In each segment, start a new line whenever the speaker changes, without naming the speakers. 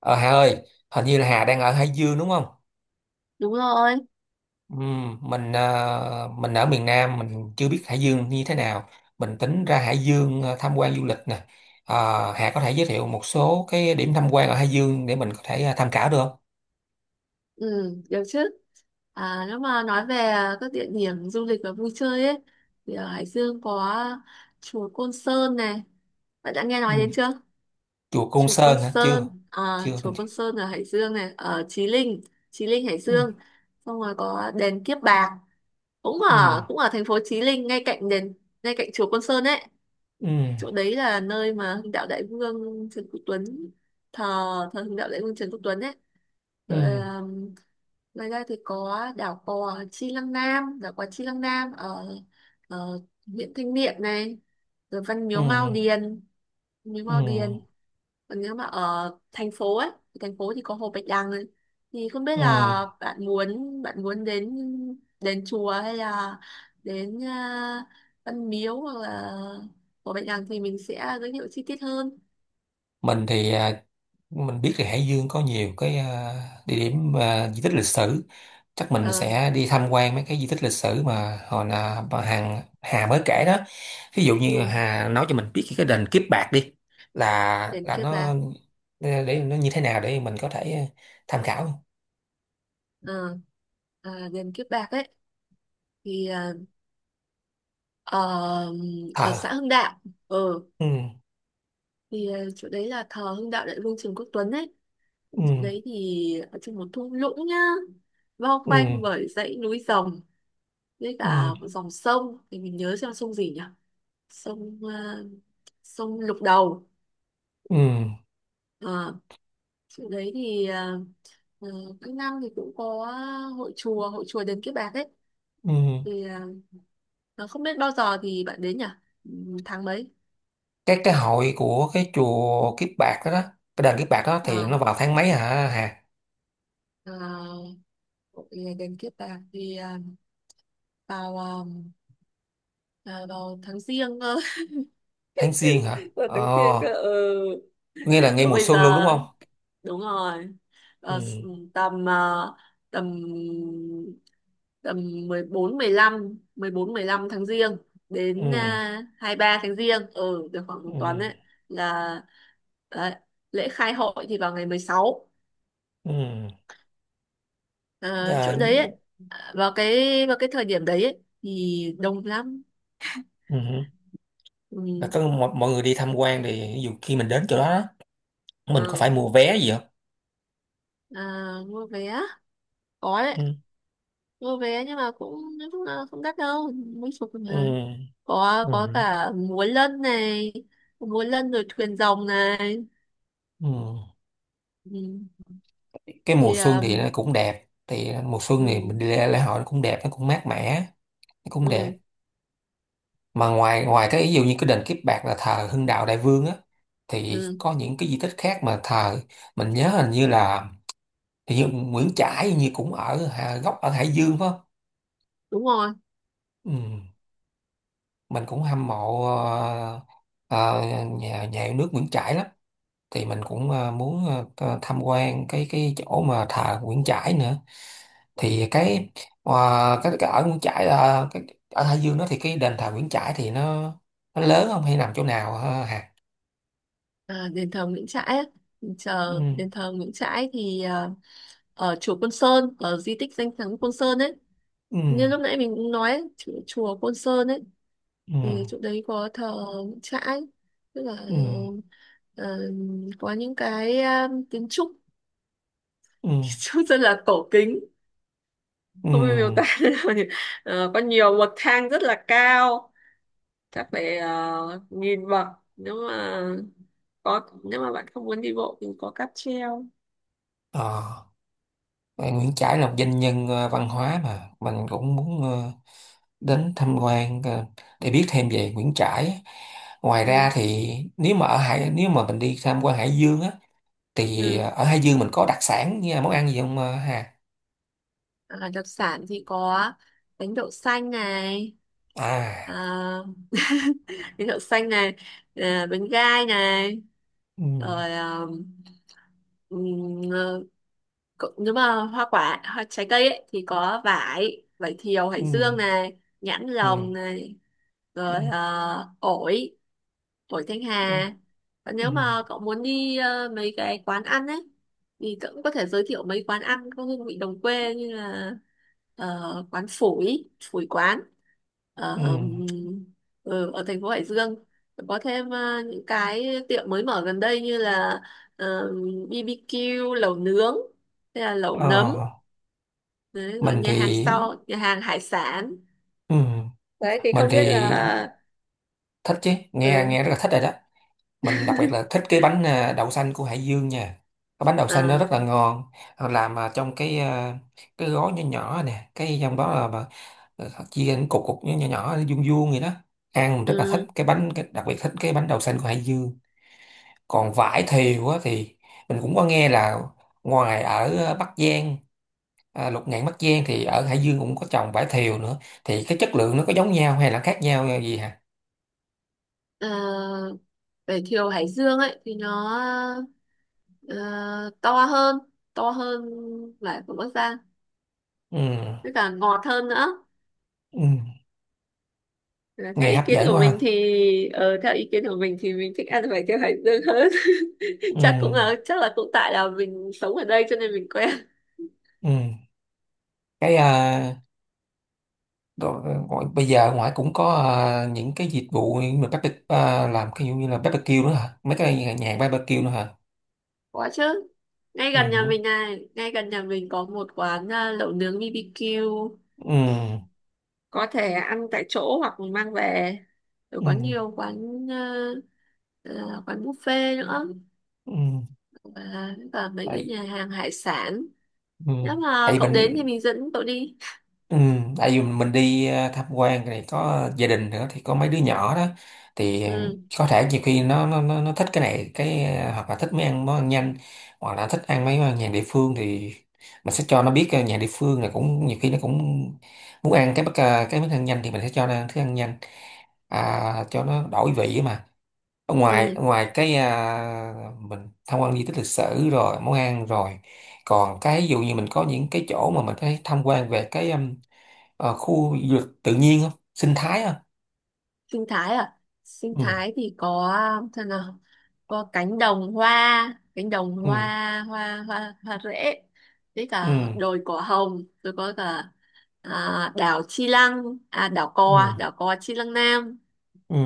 Ờ Hà ơi, hình như là Hà đang ở Hải Dương đúng không?
Đúng rồi,
Mình ở miền Nam mình chưa biết Hải Dương như thế nào. Mình tính ra Hải Dương tham quan du lịch nè. Hà có thể giới thiệu một số cái điểm tham quan ở Hải Dương để mình có thể tham khảo được không?
ừ, được chứ. À, nếu mà nói về các địa điểm du lịch và vui chơi ấy, thì ở Hải Dương có chùa Côn Sơn này. Bạn đã nghe nói
Ừm,
đến chưa?
Chùa Côn
Chùa Côn
Sơn hả? Chưa,
Sơn, à,
chưa
chùa
mình. Chưa.
Côn Sơn ở Hải Dương này, ở Chí Linh, Chí Linh Hải
Ừm,
Dương. Xong rồi có đền Kiếp Bạc, cũng ở
ừm,
cũng ở thành phố Chí Linh, ngay cạnh chùa Côn Sơn ấy.
ừm,
Chỗ đấy là nơi mà Hưng Đạo Đại Vương Trần Quốc Tuấn thờ, Hưng Đạo Đại Vương Trần Quốc Tuấn ấy. Ờ,
ừm,
Ngoài ra thì có đảo cò Chi Lăng Nam ở, ở huyện Thanh Miện này, rồi Văn Miếu Mao
ừm,
Điền, Miếu Mao
ừm,
Điền còn nếu mà ở thành phố thì có Hồ Bạch Đằng ấy. Thì không biết là
ừm.
bạn muốn đến đền chùa hay là đến Văn Miếu hoặc là Hồ Bạch Đằng thì mình sẽ giới thiệu chi tiết hơn.
Mình thì mình biết là Hải Dương có nhiều cái địa điểm di tích lịch sử, chắc mình
ờ
sẽ đi tham quan mấy cái di tích lịch sử mà hồi là bà Hằng Hà mới kể đó. Ví dụ như
ừ,
Hà nói cho mình biết cái đền Kiếp Bạc đi, là
đền
là
Kiếp
nó,
Bạc
để nó như thế nào để mình có thể tham khảo.
ờ à, đền Kiếp Bạc ấy thì Ờ,
Ờ.
ở xã Hưng Đạo. ừ
Ừ.
thì chỗ đấy là thờ Hưng Đạo Đại Vương Trần Quốc Tuấn ấy. Chỗ đấy
Ừ.
thì ở trong một thung lũng nhá, bao quanh
Ừ.
bởi dãy núi rồng với
Ừ.
cả một dòng sông. Thì mình nhớ xem sông gì nhỉ? Sông ờ, sông Lục Đầu.
Ừ.
Ờ, chỗ đấy thì ờ, ờ, Các năm thì cũng có hội chùa đền Kiếp Bạc ấy.
Ừ.
Thì ờ, không biết bao giờ thì bạn đến nhỉ? Ừ, tháng mấy?
Cái hội của cái chùa Kiếp Bạc đó, cái đền Kiếp Bạc đó thì
Ờ,
nó vào tháng mấy hả Hà?
ờ, hội đền Kiếp Bạc thì vào à, vào tháng riêng cơ.
Tháng Giêng hả?
Vào tháng riêng
Ờ,
cơ, ừ.
nghe là ngay
Rồi
mùa
bây giờ,
xuân luôn đúng không?
đúng rồi. Ờ,
Ừ,
s- tầm à, tầm tầm mười bốn mười lăm tháng giêng đến
ừ,
23 tháng giêng, ừ, được khoảng một
ừ,
tuần đấy. Là đấy, lễ khai hội thì vào ngày 16.
ừ.
Ờ,
À,
Chỗ đấy ấy, vào cái vào cái thời điểm đấy ấy, thì đông lắm,
ừ.
ừ,
Là có mọi người đi tham quan, thì ví dụ khi mình đến chỗ đó đó, mình có
ừ.
phải mua vé gì không?
À, mua vé có đấy.
Ừ,
Mua vé Nhưng mà cũng nói chung là không đắt đâu, mấy chục thôi
ừ,
mà. Có
ừ,
cả múa lân này, múa lân rồi thuyền rồng này,
ừ.
ừ.
Cái mùa
thì
xuân thì nó cũng đẹp, thì mùa xuân thì mình
Ừ,
đi lễ, lễ hội nó cũng đẹp, nó cũng mát mẻ, nó cũng đẹp.
ừ,
Mà ngoài ngoài cái ví dụ như cái đền Kiếp Bạc là thờ Hưng Đạo Đại Vương á, thì
ừ,
có những cái di tích khác mà thờ, mình nhớ hình như là, thì như Nguyễn Trãi như cũng ở gốc ở Hải Dương phải không?
đúng rồi.
Ừ. Mình cũng hâm mộ ờ, nhà nhà yêu nước Nguyễn Trãi lắm, thì mình cũng muốn tham quan cái chỗ mà thờ Nguyễn Trãi nữa, thì ờ, cái ở Nguyễn Trãi là cái, ở Hải Dương đó thì cái đền thờ Nguyễn Trãi thì nó lớn không hay nằm chỗ nào hả Hà?
À, đền thờ Nguyễn Trãi á. Mình
Ừ.
chờ đền thờ Nguyễn Trãi thì ở chùa Côn Sơn, ở di tích danh thắng Côn Sơn ấy,
Ừ.
như lúc nãy mình cũng nói ấy, chùa Côn Sơn ấy,
Ừ.
thì chỗ đấy có thờ Nguyễn Trãi. Tức là
Ừ.
ờ, có những cái kiến trúc
Ừ.
trông rất là cổ kính.
Ừ.
Không biết miêu tả thế nào nhỉ? Có nhiều bậc thang rất là cao, chắc phải nghìn bậc. Nếu mà có nếu mà bạn không muốn đi bộ thì có cáp treo,
Ờ. Ờ, Nguyễn Trãi là một doanh nhân văn hóa mà mình cũng muốn đến tham quan để biết thêm về Nguyễn Trãi. Ngoài ra
ừ,
thì nếu mà ở Hải nếu mà mình đi tham quan Hải Dương á, thì
ừ.
ở Hải Dương mình có đặc sản như là món ăn gì không Hà?
À, đặc sản thì có bánh đậu xanh này, à,
À.
bánh đậu xanh này à, bánh gai này,
Ừ.
rồi à, ừm, Cậu- nếu mà hoa quả hoa trái cây ấy thì có vải vải thiều
Ừ.
hải dương này, nhãn
Ừ.
lồng này,
Ừ.
rồi ổi Tuổi thanh
Ừ.
hà. Và
Ừ.
nếu mà cậu muốn đi mấy cái quán ăn ấy thì cậu cũng có thể giới thiệu mấy quán ăn có hương vị đồng quê, như là ờ, quán phủi phủi quán ở
Ừ.
ở thành phố Hải Dương, có thêm những cái tiệm mới mở gần đây như là ờ, BBQ, lẩu nướng, hay là lẩu nấm
Ờ,
đấy. Rồi
mình thì
nhà hàng hải sản
ừ.
đấy. Thì
Mình
không biết
thì
là,
thích chứ, nghe nghe
ừ,
rất là thích rồi đó. Mình đặc biệt là thích cái bánh đậu xanh của Hải Dương nha, cái bánh đậu xanh nó
à,
rất là ngon, làm trong cái cái gói nhỏ nhỏ nè, cái trong đó là mà chia thành cục cục nhỏ nhỏ nhỏ, vuông vuông vậy đó, ăn mình rất là thích
ừ.
cái bánh cái, đặc biệt thích cái bánh đậu xanh của Hải Dương. Còn vải thiều á thì mình cũng có nghe là ngoài ở Bắc Giang Lục Ngạn Bắc Giang thì ở Hải Dương cũng có trồng vải thiều nữa, thì cái chất lượng nó có giống nhau hay là khác nhau gì hả?
Ờ, vải thiều Hải Dương ấy thì nó ờ, to hơn, to hơn vải của Bắc Giang,
Ừ.
với cả ngọt hơn nữa.
Ừ.
Là theo
Nghe
ý
hấp
kiến
dẫn
của
quá
mình
ha.
thì mình thích ăn vải thiều Hải Dương hơn.
Ừ.
Chắc là cũng tại là mình sống ở đây cho nên mình quen.
Ừ. Cái đồ- gọi, bây giờ ngoài cũng có những cái dịch vụ như mà barbecue làm cái dụ như là barbecue nữa hả, mấy cái nhà nhà barbecue nữa hả?
Có chứ,
Ừ.
ngay gần nhà mình có một quán lẩu nướng BBQ,
Ừ.
có thể ăn tại chỗ hoặc mình mang về. Rồi
Ừ.
có nhiều quán à, quán buffet nữa,
Ừ. Ừ.
và mấy cái
Tại,
nhà hàng hải sản.
ừ.
Nếu mà
Tại
cậu đến thì
mình,
mình dẫn cậu đi,
ừ, tại vì mình đi tham quan này có gia đình nữa thì có mấy đứa nhỏ đó, thì
ừ,
có thể nhiều khi nó thích cái này cái hoặc là thích mấy ăn món ăn nhanh, hoặc là thích ăn mấy món ăn nhà địa phương, thì mình sẽ cho nó biết nhà địa phương này cũng nhiều khi nó cũng muốn ăn cái cái món ăn nhanh, thì mình sẽ cho nó ăn thức ăn nhanh, cho nó đổi vị ấy mà, ở ngoài
ừ.
ở ngoài cái mình tham quan di tích lịch sử rồi món ăn rồi, còn cái ví dụ như mình có những cái chỗ mà mình thấy tham quan về cái khu du lịch tự nhiên không, sinh thái không?
Sinh thái à? Sinh
Ừ.
thái thì có, thế nào. Có cánh đồng
Ừ.
hoa hoa hoa hoa rễ, với
Ừ.
cả đồi cỏ hồng, rồi có cả
Ừ.
Đảo Cò Chi Lăng Nam.
Ừ.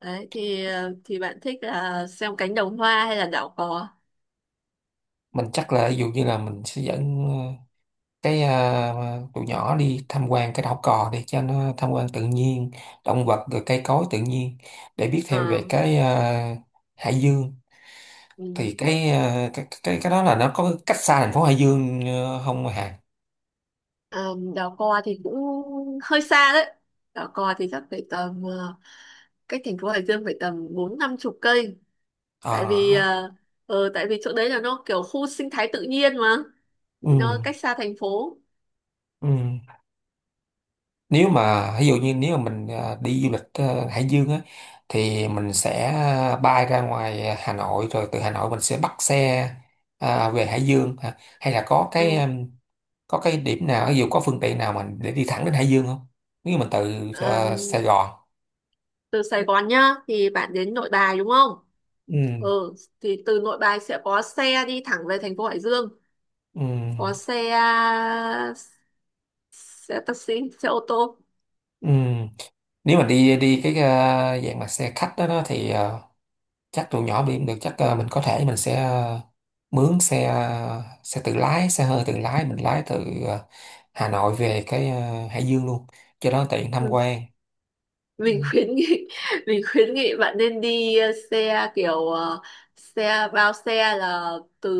Đấy thì thì bạn thích là xem cánh đồng hoa hay là đảo Cò?
Mình chắc là ví dụ như là mình sẽ dẫn cái tụi nhỏ đi tham quan cái đảo cò để cho nó tham quan tự nhiên, động vật rồi cây cối tự nhiên để biết
Ờ,
thêm về cái Hải Dương, thì
ừ.
cái, ờ, cái đó là nó có cách xa thành phố Hải Dương không Hà?
Ờ, đảo Cò thì cũng hơi xa đấy. Đảo Cò thì chắc phải tầm cách thành phố Hải Dương phải tầm 40-50 cây, tại vì
Ờ.
tại vì chỗ đấy là nó kiểu khu sinh thái tự nhiên mà,
Ừ.
nó cách xa thành phố,
Ừ. Nếu mà ví dụ như nếu mà mình đi du lịch Hải Dương á, thì mình sẽ bay ra ngoài Hà Nội rồi từ Hà Nội mình sẽ bắt xe về Hải Dương hả? Hay là
ừ.
có cái điểm nào ví dụ có phương tiện nào mình để đi thẳng đến Hải Dương không, nếu mình từ
Ờm,
Sài Gòn?
từ Sài Gòn nhá thì bạn đến Nội Bài, đúng không?
Ừ.
Ừ, thì từ Nội Bài sẽ có xe đi thẳng về thành phố Hải Dương, có
Ừ.
xe, xe taxi, xe ô tô.
Ừ. Nếu mà đi đi cái dạng mà xe khách đó thì chắc tụi nhỏ đi không được, chắc mình có thể mình sẽ mướn xe tự lái, xe hơi tự lái mình lái từ Hà Nội về cái Hải Dương luôn cho nó tiện tham
Ừ.
quan.
Mình
Ừ.
khuyến nghị mình khuyến nghị bạn nên đi xe kiểu xe bao xe, là từ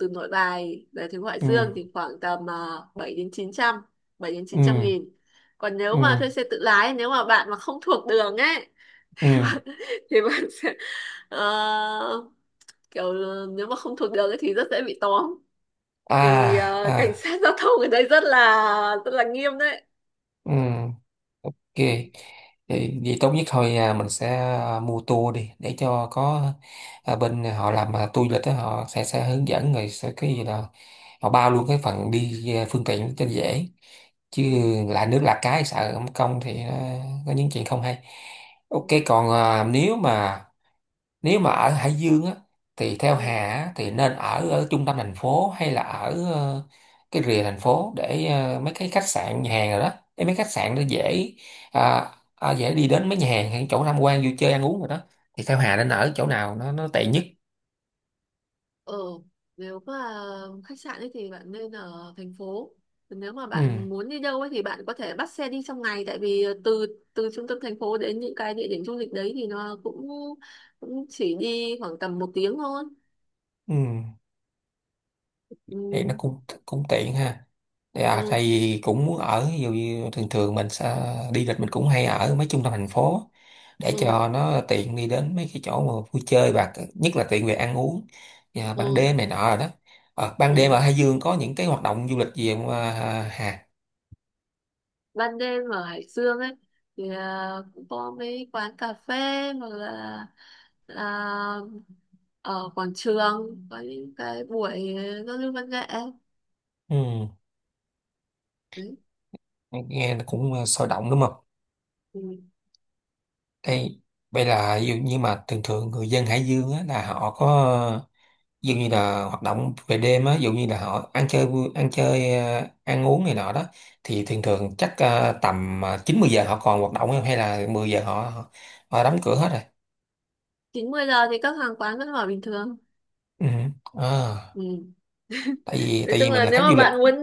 từ Nội Bài vềถึงHải
Ừ.
Dương thì khoảng tầm 7 đến 900, 7 đến
Ừ.
900.000. Còn nếu mà
Ừ.
thuê xe tự lái, nếu mà bạn mà không thuộc đường ấy
Ừ.
thì bạn sẽ ờ, nếu mà không thuộc đường ấy thì rất dễ bị tóm, vì
À.
cảnh
À.
sát giao thông ở đây rất là nghiêm đấy,
Ừ. Ok.
ừ,
Thì vậy tốt nhất thôi mình sẽ mua tour đi để cho có bên họ làm tour du lịch đó, họ sẽ hướng dẫn rồi sẽ cái gì là họ bao luôn cái phần đi phương tiện cho dễ, chứ
ừ,
lạ nước lạ cái sợ không công thì nó có những chuyện không hay. Ok,
ừ,
còn nếu mà ở Hải Dương á thì theo Hà
ừ.
á, thì nên ở trung tâm thành phố hay là ở cái rìa thành phố, để mấy cái khách sạn nhà hàng rồi đó, để mấy khách sạn nó dễ dễ đi đến mấy nhà hàng hay chỗ tham quan vui chơi ăn uống rồi đó, thì theo Hà nên ở chỗ nào nó tiện nhất?
Ờ, nếu mà khách sạn ấy thì bạn nên ở thành phố. Còn nếu mà
Ừ.
bạn muốn đi đâu ấy thì bạn có thể bắt xe đi trong ngày, tại vì từ từ trung tâm thành phố đến những cái địa điểm du lịch đấy thì nó cũng cũng chỉ đi khoảng tầm một tiếng thôi.
Ừ.
Ừ,
Thì nó cũng cũng tiện ha, thì à tại
ừ,
vì cũng muốn ở, ví dụ như thường thường mình sẽ đi lịch mình cũng hay ở mấy trung tâm thành phố để
ừ,
cho nó tiện đi đến mấy cái chỗ mà vui chơi và nhất là tiện về ăn uống và ban
ừ,
đêm này nọ rồi đó. Ban đêm
ừ.
ở Hải Dương có những cái hoạt động du lịch gì không à, Hà?
Ban đêm ở Hải Dương ấy thì cũng có mấy quán cà phê, hoặc là là ở quảng trường có những cái buổi giao lưu văn nghệ
Ừ,
đấy.
nghe nó cũng sôi động đúng không?
Ừ.
Ê, vậy là ví dụ như mà thường thường người dân Hải Dương á, là họ có ví dụ như là hoạt động về đêm á, ví dụ như là họ ăn chơi ăn chơi ăn uống này nọ đó, thì thường thường chắc tầm 9 10 giờ họ còn hoạt động không hay là 10 giờ họ họ, họ đóng cửa hết rồi.
9 10 giờ thì các hàng quán vẫn mở bình thường.
Ừ. À,
Ừ.
tại vì
Nói
tại
chung
vì mình
là
là
nếu
khách
mà
du lịch.
bạn muốn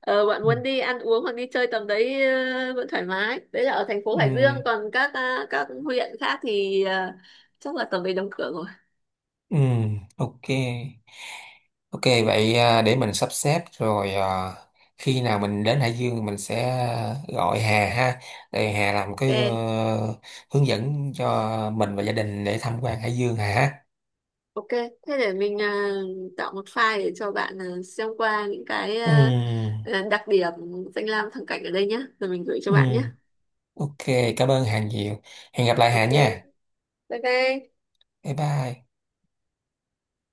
bạn
Ừ.
muốn đi ăn uống hoặc đi chơi tầm đấy vẫn thoải mái. Đấy là ở thành phố
Ừ.
Hải Dương, còn các các huyện khác thì chắc là tầm đấy đóng cửa rồi.
Ừ. Ok. Ok vậy để mình sắp xếp rồi khi nào mình đến Hải Dương mình sẽ gọi Hà ha, để Hà làm cái
Ok.
hướng dẫn cho mình và gia đình để tham quan Hải Dương Hà ha.
Ok, thế để mình tạo một file để cho bạn xem qua những cái
Ừm,
đặc điểm danh lam thắng cảnh ở đây nhé, rồi mình gửi cho bạn nhé.
ừm, ok, cảm ơn Hà nhiều. Hẹn gặp lại Hà
Ok,
nha.
bye bye.
Bye bye.